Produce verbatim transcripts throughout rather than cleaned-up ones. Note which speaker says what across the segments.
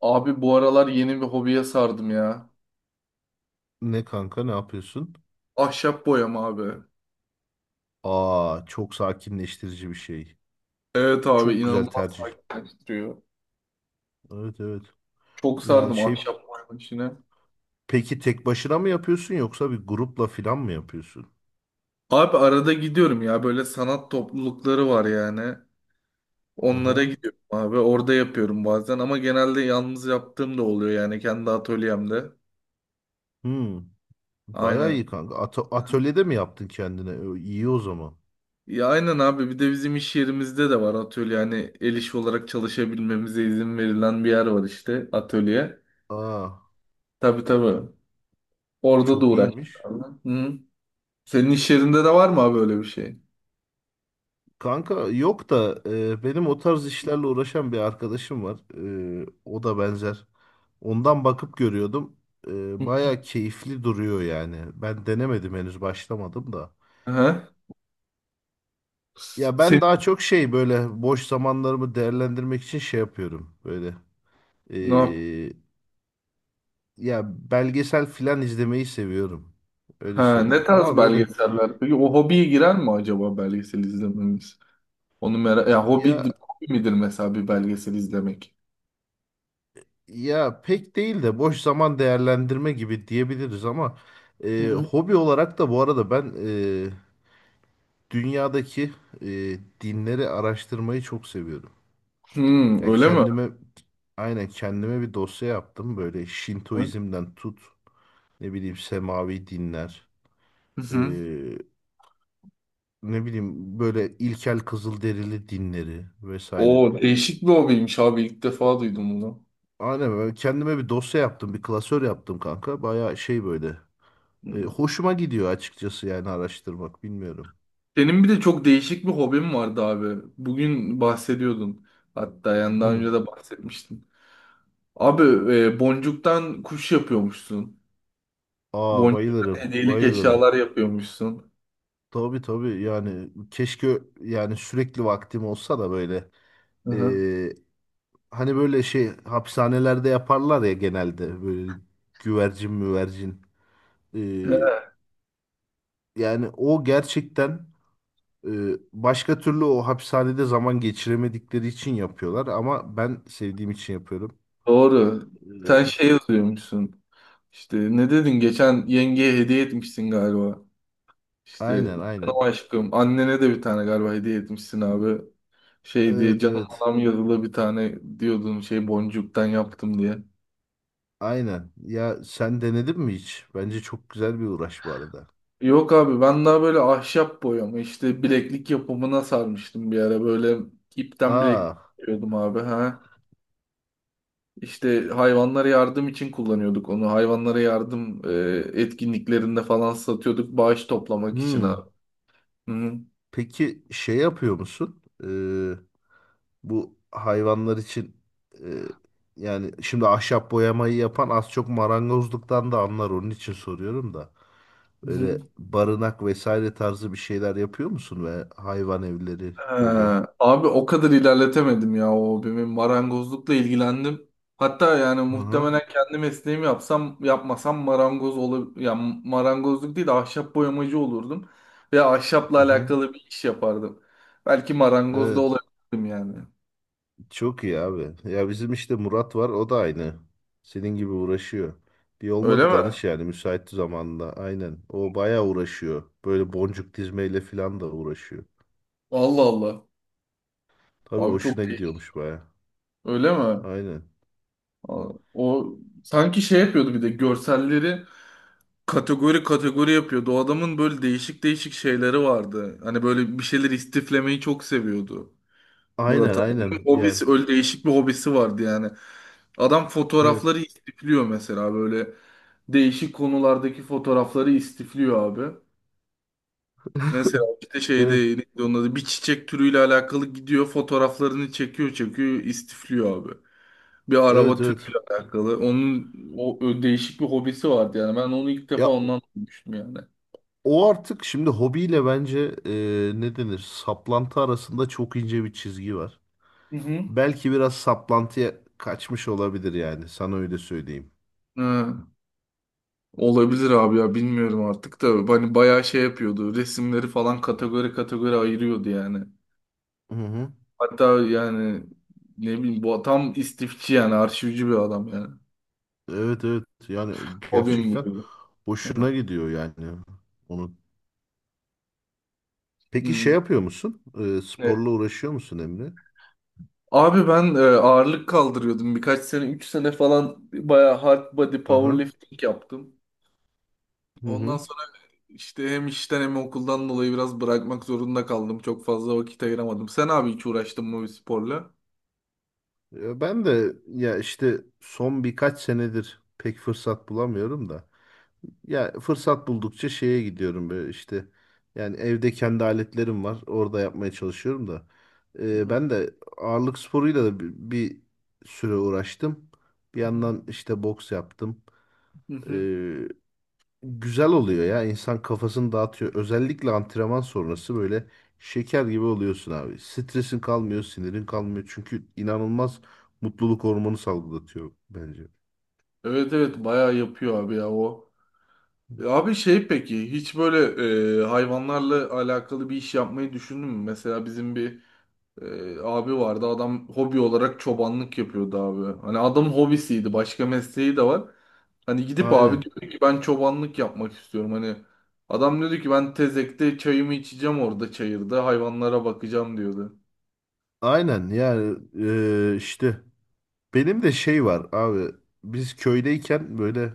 Speaker 1: Abi bu aralar yeni bir hobiye sardım ya.
Speaker 2: Ne kanka, ne yapıyorsun?
Speaker 1: Ahşap boyama abi.
Speaker 2: Aa, çok sakinleştirici bir şey.
Speaker 1: Evet abi
Speaker 2: Çok güzel
Speaker 1: inanılmaz
Speaker 2: tercih.
Speaker 1: sakinleştiriyor.
Speaker 2: Evet, evet.
Speaker 1: Çok
Speaker 2: Ya
Speaker 1: sardım
Speaker 2: şey
Speaker 1: ahşap boyama işine.
Speaker 2: peki tek başına mı yapıyorsun yoksa bir grupla filan mı yapıyorsun?
Speaker 1: Abi arada gidiyorum ya böyle sanat toplulukları var yani. Onlara
Speaker 2: Aha.
Speaker 1: gidiyorum abi. Orada yapıyorum bazen ama genelde yalnız yaptığım da oluyor yani kendi atölyemde.
Speaker 2: Hmm. Bayağı
Speaker 1: Aynen.
Speaker 2: iyi kanka. Ato- atölyede mi yaptın kendine? Ö, İyi o zaman.
Speaker 1: Ya aynen abi bir de bizim iş yerimizde de var atölye. Yani el işi olarak çalışabilmemize izin verilen bir yer var işte atölye.
Speaker 2: Aa,
Speaker 1: Tabii tabii. Orada da
Speaker 2: çok
Speaker 1: uğraştık
Speaker 2: iyiymiş.
Speaker 1: abi. Hı. Senin iş yerinde de var mı abi öyle bir şey?
Speaker 2: Kanka yok da, e, benim o tarz işlerle uğraşan bir arkadaşım var. E, o da benzer. Ondan bakıp görüyordum. Ee, baya keyifli duruyor yani. Ben denemedim, henüz başlamadım da.
Speaker 1: Hı.
Speaker 2: Ya
Speaker 1: Sen
Speaker 2: ben daha çok şey böyle boş zamanlarımı değerlendirmek için şey yapıyorum böyle.
Speaker 1: ne yap?
Speaker 2: Ee, ya belgesel filan izlemeyi seviyorum. Öyle
Speaker 1: Ha, ne
Speaker 2: söyleyeyim.
Speaker 1: tarz
Speaker 2: Ama böyle
Speaker 1: belgeseller? Peki o hobiye girer mi acaba belgesel izlememiz? Onu merak ya hobi,
Speaker 2: ya
Speaker 1: hobi midir mesela bir belgesel izlemek?
Speaker 2: ya pek değil de boş zaman değerlendirme gibi diyebiliriz ama e,
Speaker 1: Hı.
Speaker 2: hobi olarak da bu arada ben e, dünyadaki e, dinleri araştırmayı çok seviyorum.
Speaker 1: Hmm,
Speaker 2: Ya
Speaker 1: öyle mi?
Speaker 2: kendime aynen kendime bir dosya yaptım, böyle
Speaker 1: Hı
Speaker 2: Şintoizm'den tut, ne bileyim semavi dinler,
Speaker 1: hı.
Speaker 2: ee, ne bileyim böyle ilkel Kızılderili dinleri vesaire.
Speaker 1: O değişik bir hobiymiş abi ilk defa duydum bunu.
Speaker 2: Aynen, böyle kendime bir dosya yaptım, bir klasör yaptım kanka, baya şey böyle Ee,
Speaker 1: Hmm.
Speaker 2: hoşuma gidiyor açıkçası, yani araştırmak, bilmiyorum.
Speaker 1: Senin bir de çok değişik bir hobin vardı abi. Bugün bahsediyordun. Hatta yandan
Speaker 2: Hı.
Speaker 1: önce de bahsetmiştin. Abi e, boncuktan kuş yapıyormuşsun.
Speaker 2: Aa,
Speaker 1: Boncuktan
Speaker 2: bayılırım,
Speaker 1: hediyelik
Speaker 2: bayılırım.
Speaker 1: eşyalar yapıyormuşsun.
Speaker 2: Tabii tabii, yani keşke yani sürekli vaktim olsa da böyle.
Speaker 1: Hı hı.
Speaker 2: Hani böyle şey hapishanelerde yaparlar ya, genelde böyle güvercin müvercin. Ee, Yani o gerçekten, e, başka türlü o hapishanede zaman geçiremedikleri için yapıyorlar ama ben sevdiğim için yapıyorum.
Speaker 1: Doğru. Sen
Speaker 2: Ee,
Speaker 1: şey yazıyormuşsun. İşte ne dedin? Geçen yengeye hediye etmişsin galiba. İşte
Speaker 2: aynen, aynen.
Speaker 1: canım aşkım. Annene de bir tane galiba hediye etmişsin abi. Şey diye
Speaker 2: Evet,
Speaker 1: canım
Speaker 2: evet.
Speaker 1: adam yazılı bir tane diyordun şey boncuktan yaptım diye.
Speaker 2: Aynen. Ya sen denedin mi hiç? Bence çok güzel bir uğraş bu arada.
Speaker 1: Yok abi ben daha böyle ahşap boyama işte bileklik yapımına sarmıştım bir ara. Böyle ipten bileklik
Speaker 2: Aa.
Speaker 1: yapıyordum abi. Ha. İşte hayvanlara yardım için kullanıyorduk onu. Hayvanlara yardım e, etkinliklerinde falan satıyorduk bağış toplamak için abi.
Speaker 2: Hmm.
Speaker 1: Hı hı.
Speaker 2: Peki şey yapıyor musun? Ee, Bu hayvanlar için, e, yani şimdi ahşap boyamayı yapan az çok marangozluktan da anlar, onun için soruyorum da.
Speaker 1: Hı hı.
Speaker 2: Böyle barınak vesaire tarzı bir şeyler yapıyor musun ve hayvan evleri böyle?
Speaker 1: Ha, abi o kadar ilerletemedim ya o hobimi. Marangozlukla ilgilendim. Hatta yani
Speaker 2: Hı hı.
Speaker 1: muhtemelen kendi mesleğimi yapsam yapmasam marangoz olur ya marangozluk değil de ahşap boyamacı olurdum ve ahşapla
Speaker 2: Hı hı.
Speaker 1: alakalı bir iş yapardım. Belki marangoz da
Speaker 2: Evet.
Speaker 1: olabilirdim yani.
Speaker 2: Çok iyi abi. Ya bizim işte Murat var, o da aynı. Senin gibi uğraşıyor. Bir
Speaker 1: Öyle
Speaker 2: olmadı
Speaker 1: mi?
Speaker 2: danış yani müsait zamanla. Aynen. O bayağı uğraşıyor. Böyle boncuk dizmeyle falan da uğraşıyor.
Speaker 1: Allah Allah.
Speaker 2: Tabii
Speaker 1: Abi
Speaker 2: hoşuna
Speaker 1: çok iyi.
Speaker 2: gidiyormuş bayağı.
Speaker 1: Öyle mi?
Speaker 2: Aynen.
Speaker 1: O, o sanki şey yapıyordu bir de görselleri kategori kategori yapıyordu. O adamın böyle değişik değişik şeyleri vardı. Hani böyle bir şeyler istiflemeyi çok seviyordu
Speaker 2: Aynen
Speaker 1: Murat abi.
Speaker 2: aynen yani
Speaker 1: Hobisi öyle değişik bir hobisi vardı yani. Adam
Speaker 2: evet,
Speaker 1: fotoğrafları istifliyor mesela böyle değişik konulardaki fotoğrafları istifliyor abi. Mesela işte şeyde
Speaker 2: evet,
Speaker 1: neydi onun adı? Bir çiçek türüyle alakalı gidiyor fotoğraflarını çekiyor çekiyor istifliyor abi. Bir araba
Speaker 2: evet, evet,
Speaker 1: türüyle alakalı. Onun o, o değişik bir hobisi vardı yani. Ben onu ilk defa
Speaker 2: ya
Speaker 1: ondan duymuştum yani.
Speaker 2: o artık şimdi hobiyle bence, e, ne denir, saplantı arasında çok ince bir çizgi var.
Speaker 1: Hı hı.
Speaker 2: Belki biraz saplantıya kaçmış olabilir yani, sana öyle söyleyeyim.
Speaker 1: Ha, olabilir abi ya bilmiyorum artık da hani bayağı şey yapıyordu resimleri falan kategori kategori ayırıyordu yani.
Speaker 2: Hı hı.
Speaker 1: Hatta yani ne bileyim bu tam istifçi yani arşivci bir adam yani.
Speaker 2: Evet evet, yani
Speaker 1: Hobim
Speaker 2: gerçekten
Speaker 1: bu.
Speaker 2: hoşuna
Speaker 1: Aha.
Speaker 2: gidiyor yani onu. Peki şey
Speaker 1: Hmm.
Speaker 2: yapıyor musun? E,
Speaker 1: Ne?
Speaker 2: sporla uğraşıyor musun Emre?
Speaker 1: Abi ben e, ağırlık kaldırıyordum birkaç sene üç sene falan bayağı hard body
Speaker 2: Aha.
Speaker 1: powerlifting yaptım.
Speaker 2: Hı
Speaker 1: Ondan
Speaker 2: hı.
Speaker 1: İşte hem işten hem okuldan dolayı biraz bırakmak zorunda kaldım. Çok fazla vakit ayıramadım. Sen abi hiç uğraştın mı bir sporla?
Speaker 2: Ya ben de, ya işte son birkaç senedir pek fırsat bulamıyorum da. Ya fırsat buldukça şeye gidiyorum böyle işte. Yani evde kendi aletlerim var. Orada yapmaya çalışıyorum da. Ee,
Speaker 1: Hı
Speaker 2: ben de ağırlık sporuyla da bir, bir süre uğraştım. Bir
Speaker 1: hı.
Speaker 2: yandan işte boks yaptım.
Speaker 1: Hı hı.
Speaker 2: Ee, Güzel oluyor ya. İnsan kafasını dağıtıyor. Özellikle antrenman sonrası böyle şeker gibi oluyorsun abi. Stresin kalmıyor, sinirin kalmıyor. Çünkü inanılmaz mutluluk hormonu salgılatıyor bence.
Speaker 1: Evet evet bayağı yapıyor abi ya o. E, Abi şey peki hiç böyle e, hayvanlarla alakalı bir iş yapmayı düşündün mü? Mesela bizim bir e, abi vardı. Adam hobi olarak çobanlık yapıyordu abi. Hani adamın hobisiydi. Başka mesleği de var. Hani gidip abi
Speaker 2: Aynen.
Speaker 1: diyordu ki ben çobanlık yapmak istiyorum. Hani adam diyordu ki ben tezekte çayımı içeceğim orada çayırda hayvanlara bakacağım diyordu.
Speaker 2: Aynen yani, e, işte. Benim de şey var abi, biz köydeyken böyle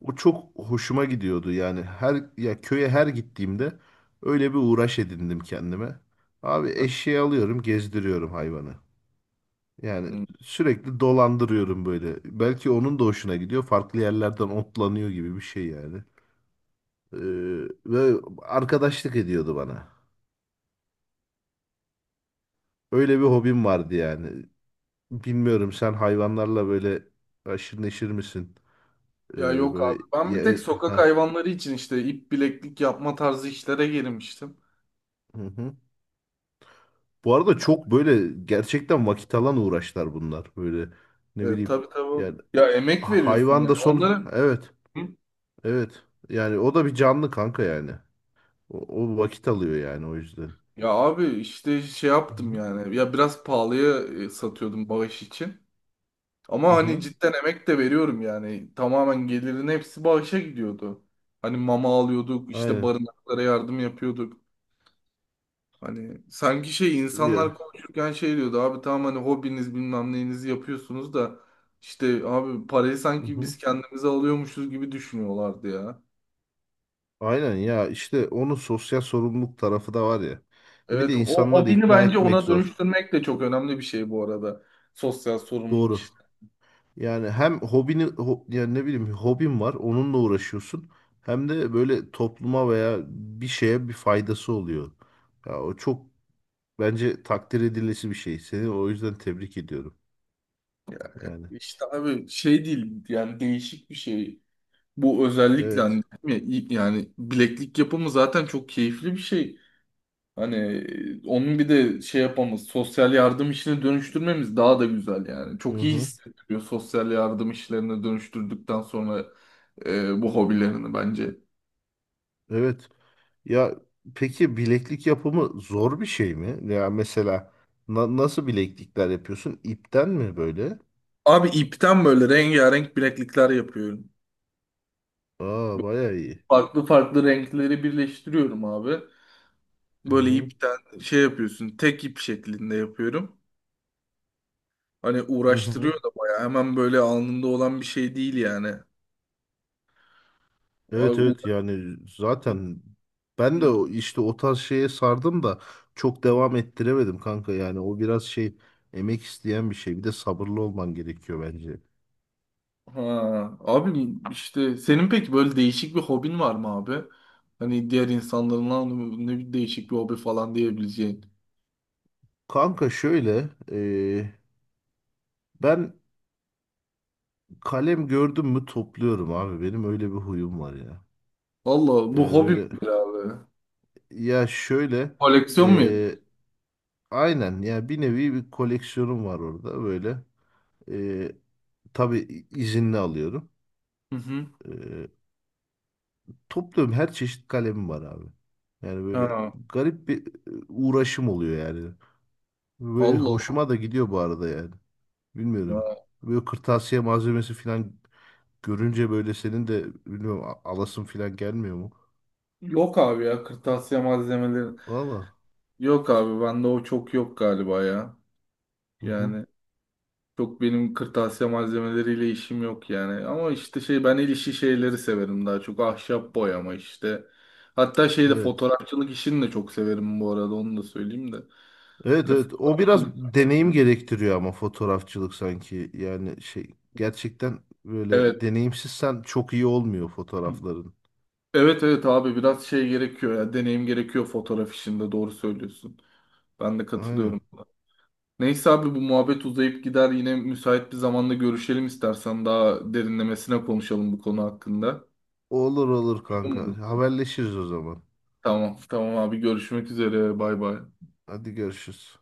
Speaker 2: o çok hoşuma gidiyordu, yani her, ya köye her gittiğimde öyle bir uğraş edindim kendime. Abi
Speaker 1: Heh.
Speaker 2: eşeği alıyorum, gezdiriyorum hayvanı. Yani
Speaker 1: Hı.
Speaker 2: sürekli dolandırıyorum böyle. Belki onun da hoşuna gidiyor. Farklı yerlerden otlanıyor gibi bir şey yani. Ee, Ve arkadaşlık ediyordu bana. Öyle bir hobim vardı yani. Bilmiyorum sen hayvanlarla böyle aşırı neşir misin? Ee,
Speaker 1: Ya yok abi.
Speaker 2: böyle
Speaker 1: Ben
Speaker 2: ya,
Speaker 1: bir tek sokak
Speaker 2: heh.
Speaker 1: hayvanları için işte ip bileklik yapma tarzı işlere girmiştim.
Speaker 2: Hı hı. Bu arada çok böyle gerçekten vakit alan uğraşlar bunlar. Böyle
Speaker 1: E,
Speaker 2: ne bileyim,
Speaker 1: tabii tabii.
Speaker 2: yani
Speaker 1: Ya emek veriyorsun
Speaker 2: hayvan da
Speaker 1: yani.
Speaker 2: son,
Speaker 1: Onları
Speaker 2: evet,
Speaker 1: Hı?
Speaker 2: evet, yani o da bir canlı kanka yani. O, o vakit alıyor yani, o yüzden.
Speaker 1: Ya abi işte şey
Speaker 2: Hı
Speaker 1: yaptım
Speaker 2: hı.
Speaker 1: yani. Ya biraz pahalıya e, satıyordum bağış için.
Speaker 2: Hı
Speaker 1: Ama hani
Speaker 2: hı.
Speaker 1: cidden emek de veriyorum yani. Tamamen gelirin hepsi bağışa gidiyordu. Hani mama alıyorduk, işte
Speaker 2: Aynen.
Speaker 1: barınaklara yardım yapıyorduk. Hani sanki şey insanlar
Speaker 2: Ya.
Speaker 1: konuşurken şey diyordu abi tamam hani hobiniz bilmem neyinizi yapıyorsunuz da işte abi parayı
Speaker 2: Hı
Speaker 1: sanki
Speaker 2: hı.
Speaker 1: biz kendimize alıyormuşuz gibi düşünüyorlardı ya.
Speaker 2: Aynen ya, işte onun sosyal sorumluluk tarafı da var ya. E bir de
Speaker 1: Evet o
Speaker 2: insanları
Speaker 1: hobini
Speaker 2: ikna
Speaker 1: bence
Speaker 2: etmek
Speaker 1: ona
Speaker 2: zor.
Speaker 1: dönüştürmek de çok önemli bir şey bu arada. Sosyal sorumluluk
Speaker 2: Doğru.
Speaker 1: işte.
Speaker 2: Yani hem hobini ho- yani ne bileyim hobin var, onunla uğraşıyorsun, hem de böyle topluma veya bir şeye bir faydası oluyor. Ya o çok, bence takdir edilesi bir şey. Seni o yüzden tebrik ediyorum. Yani
Speaker 1: İşte abi şey değil yani değişik bir şey. Bu özellikle
Speaker 2: evet.
Speaker 1: hani değil mi? Yani bileklik yapımı zaten çok keyifli bir şey. Hani e, onun bir de şey yapmamız, sosyal yardım işine dönüştürmemiz daha da güzel yani.
Speaker 2: Hı
Speaker 1: Çok iyi
Speaker 2: hı.
Speaker 1: hissettiriyor sosyal yardım işlerine dönüştürdükten sonra e, bu hobilerini bence.
Speaker 2: Evet. Ya peki bileklik yapımı zor bir şey mi? Ya mesela na- nasıl bileklikler yapıyorsun? İpten mi böyle?
Speaker 1: Abi ipten böyle rengarenk bileklikler yapıyorum.
Speaker 2: Aa,
Speaker 1: Böyle
Speaker 2: bayağı iyi.
Speaker 1: farklı farklı renkleri birleştiriyorum abi.
Speaker 2: Hı
Speaker 1: Böyle
Speaker 2: hı.
Speaker 1: ipten şey yapıyorsun, tek ip şeklinde yapıyorum. Hani
Speaker 2: Hı hı.
Speaker 1: uğraştırıyor da bayağı. Hemen böyle alnında olan bir şey değil yani. Abi,
Speaker 2: Evet
Speaker 1: u-
Speaker 2: evet, yani zaten ben de o- işte o tarz şeye sardım da çok devam ettiremedim kanka, yani o biraz şey emek isteyen bir şey, bir de sabırlı olman gerekiyor bence.
Speaker 1: ha, abi işte senin peki böyle değişik bir hobin var mı abi? Hani diğer insanların "Lan ne bir değişik bir hobi falan diyebileceğin.
Speaker 2: Kanka şöyle, e, ben kalem gördüm mü topluyorum abi, benim öyle bir huyum var ya.
Speaker 1: Allah bu
Speaker 2: Yani
Speaker 1: hobi
Speaker 2: böyle,
Speaker 1: midir abi?
Speaker 2: ya şöyle,
Speaker 1: Koleksiyon mu yapıyorsun?
Speaker 2: e, aynen ya, bir nevi bir koleksiyonum var orada böyle. E, tabii izinli alıyorum.
Speaker 1: Hı hı.
Speaker 2: Topluyorum, her çeşit kalemim var abi. Yani böyle
Speaker 1: Ha,
Speaker 2: garip bir, e, uğraşım oluyor yani. Ve
Speaker 1: Allah
Speaker 2: hoşuma da gidiyor bu arada yani. Bilmiyorum.
Speaker 1: Allah.
Speaker 2: Böyle kırtasiye malzemesi falan görünce böyle senin de, bilmiyorum, a- alasın falan gelmiyor mu?
Speaker 1: Yok abi ya kırtasiye malzemeleri.
Speaker 2: Valla.
Speaker 1: Yok abi bende o çok yok galiba ya.
Speaker 2: Hı hı.
Speaker 1: Yani çok benim kırtasiye malzemeleriyle işim yok yani. Ama işte şey ben el işi şeyleri severim daha çok. Ahşap boyama işte. Hatta şeyde
Speaker 2: Evet.
Speaker 1: fotoğrafçılık işini de çok severim bu arada onu da söyleyeyim de.
Speaker 2: Evet
Speaker 1: Böyle
Speaker 2: evet, o biraz
Speaker 1: fotoğrafçılık.
Speaker 2: deneyim gerektiriyor ama fotoğrafçılık sanki, yani şey gerçekten böyle
Speaker 1: Evet.
Speaker 2: deneyimsizsen çok iyi olmuyor fotoğrafların.
Speaker 1: Evet evet abi biraz şey gerekiyor ya. Deneyim gerekiyor fotoğraf işinde doğru söylüyorsun. Ben de
Speaker 2: Aynen.
Speaker 1: katılıyorum buna. Neyse abi bu muhabbet uzayıp gider. Yine müsait bir zamanda görüşelim istersen. Daha derinlemesine konuşalım bu konu hakkında.
Speaker 2: Olur olur
Speaker 1: Uygun mudur?
Speaker 2: kanka, haberleşiriz o zaman.
Speaker 1: Tamam tamam abi görüşmek üzere bay bay.
Speaker 2: Hadi görüşürüz.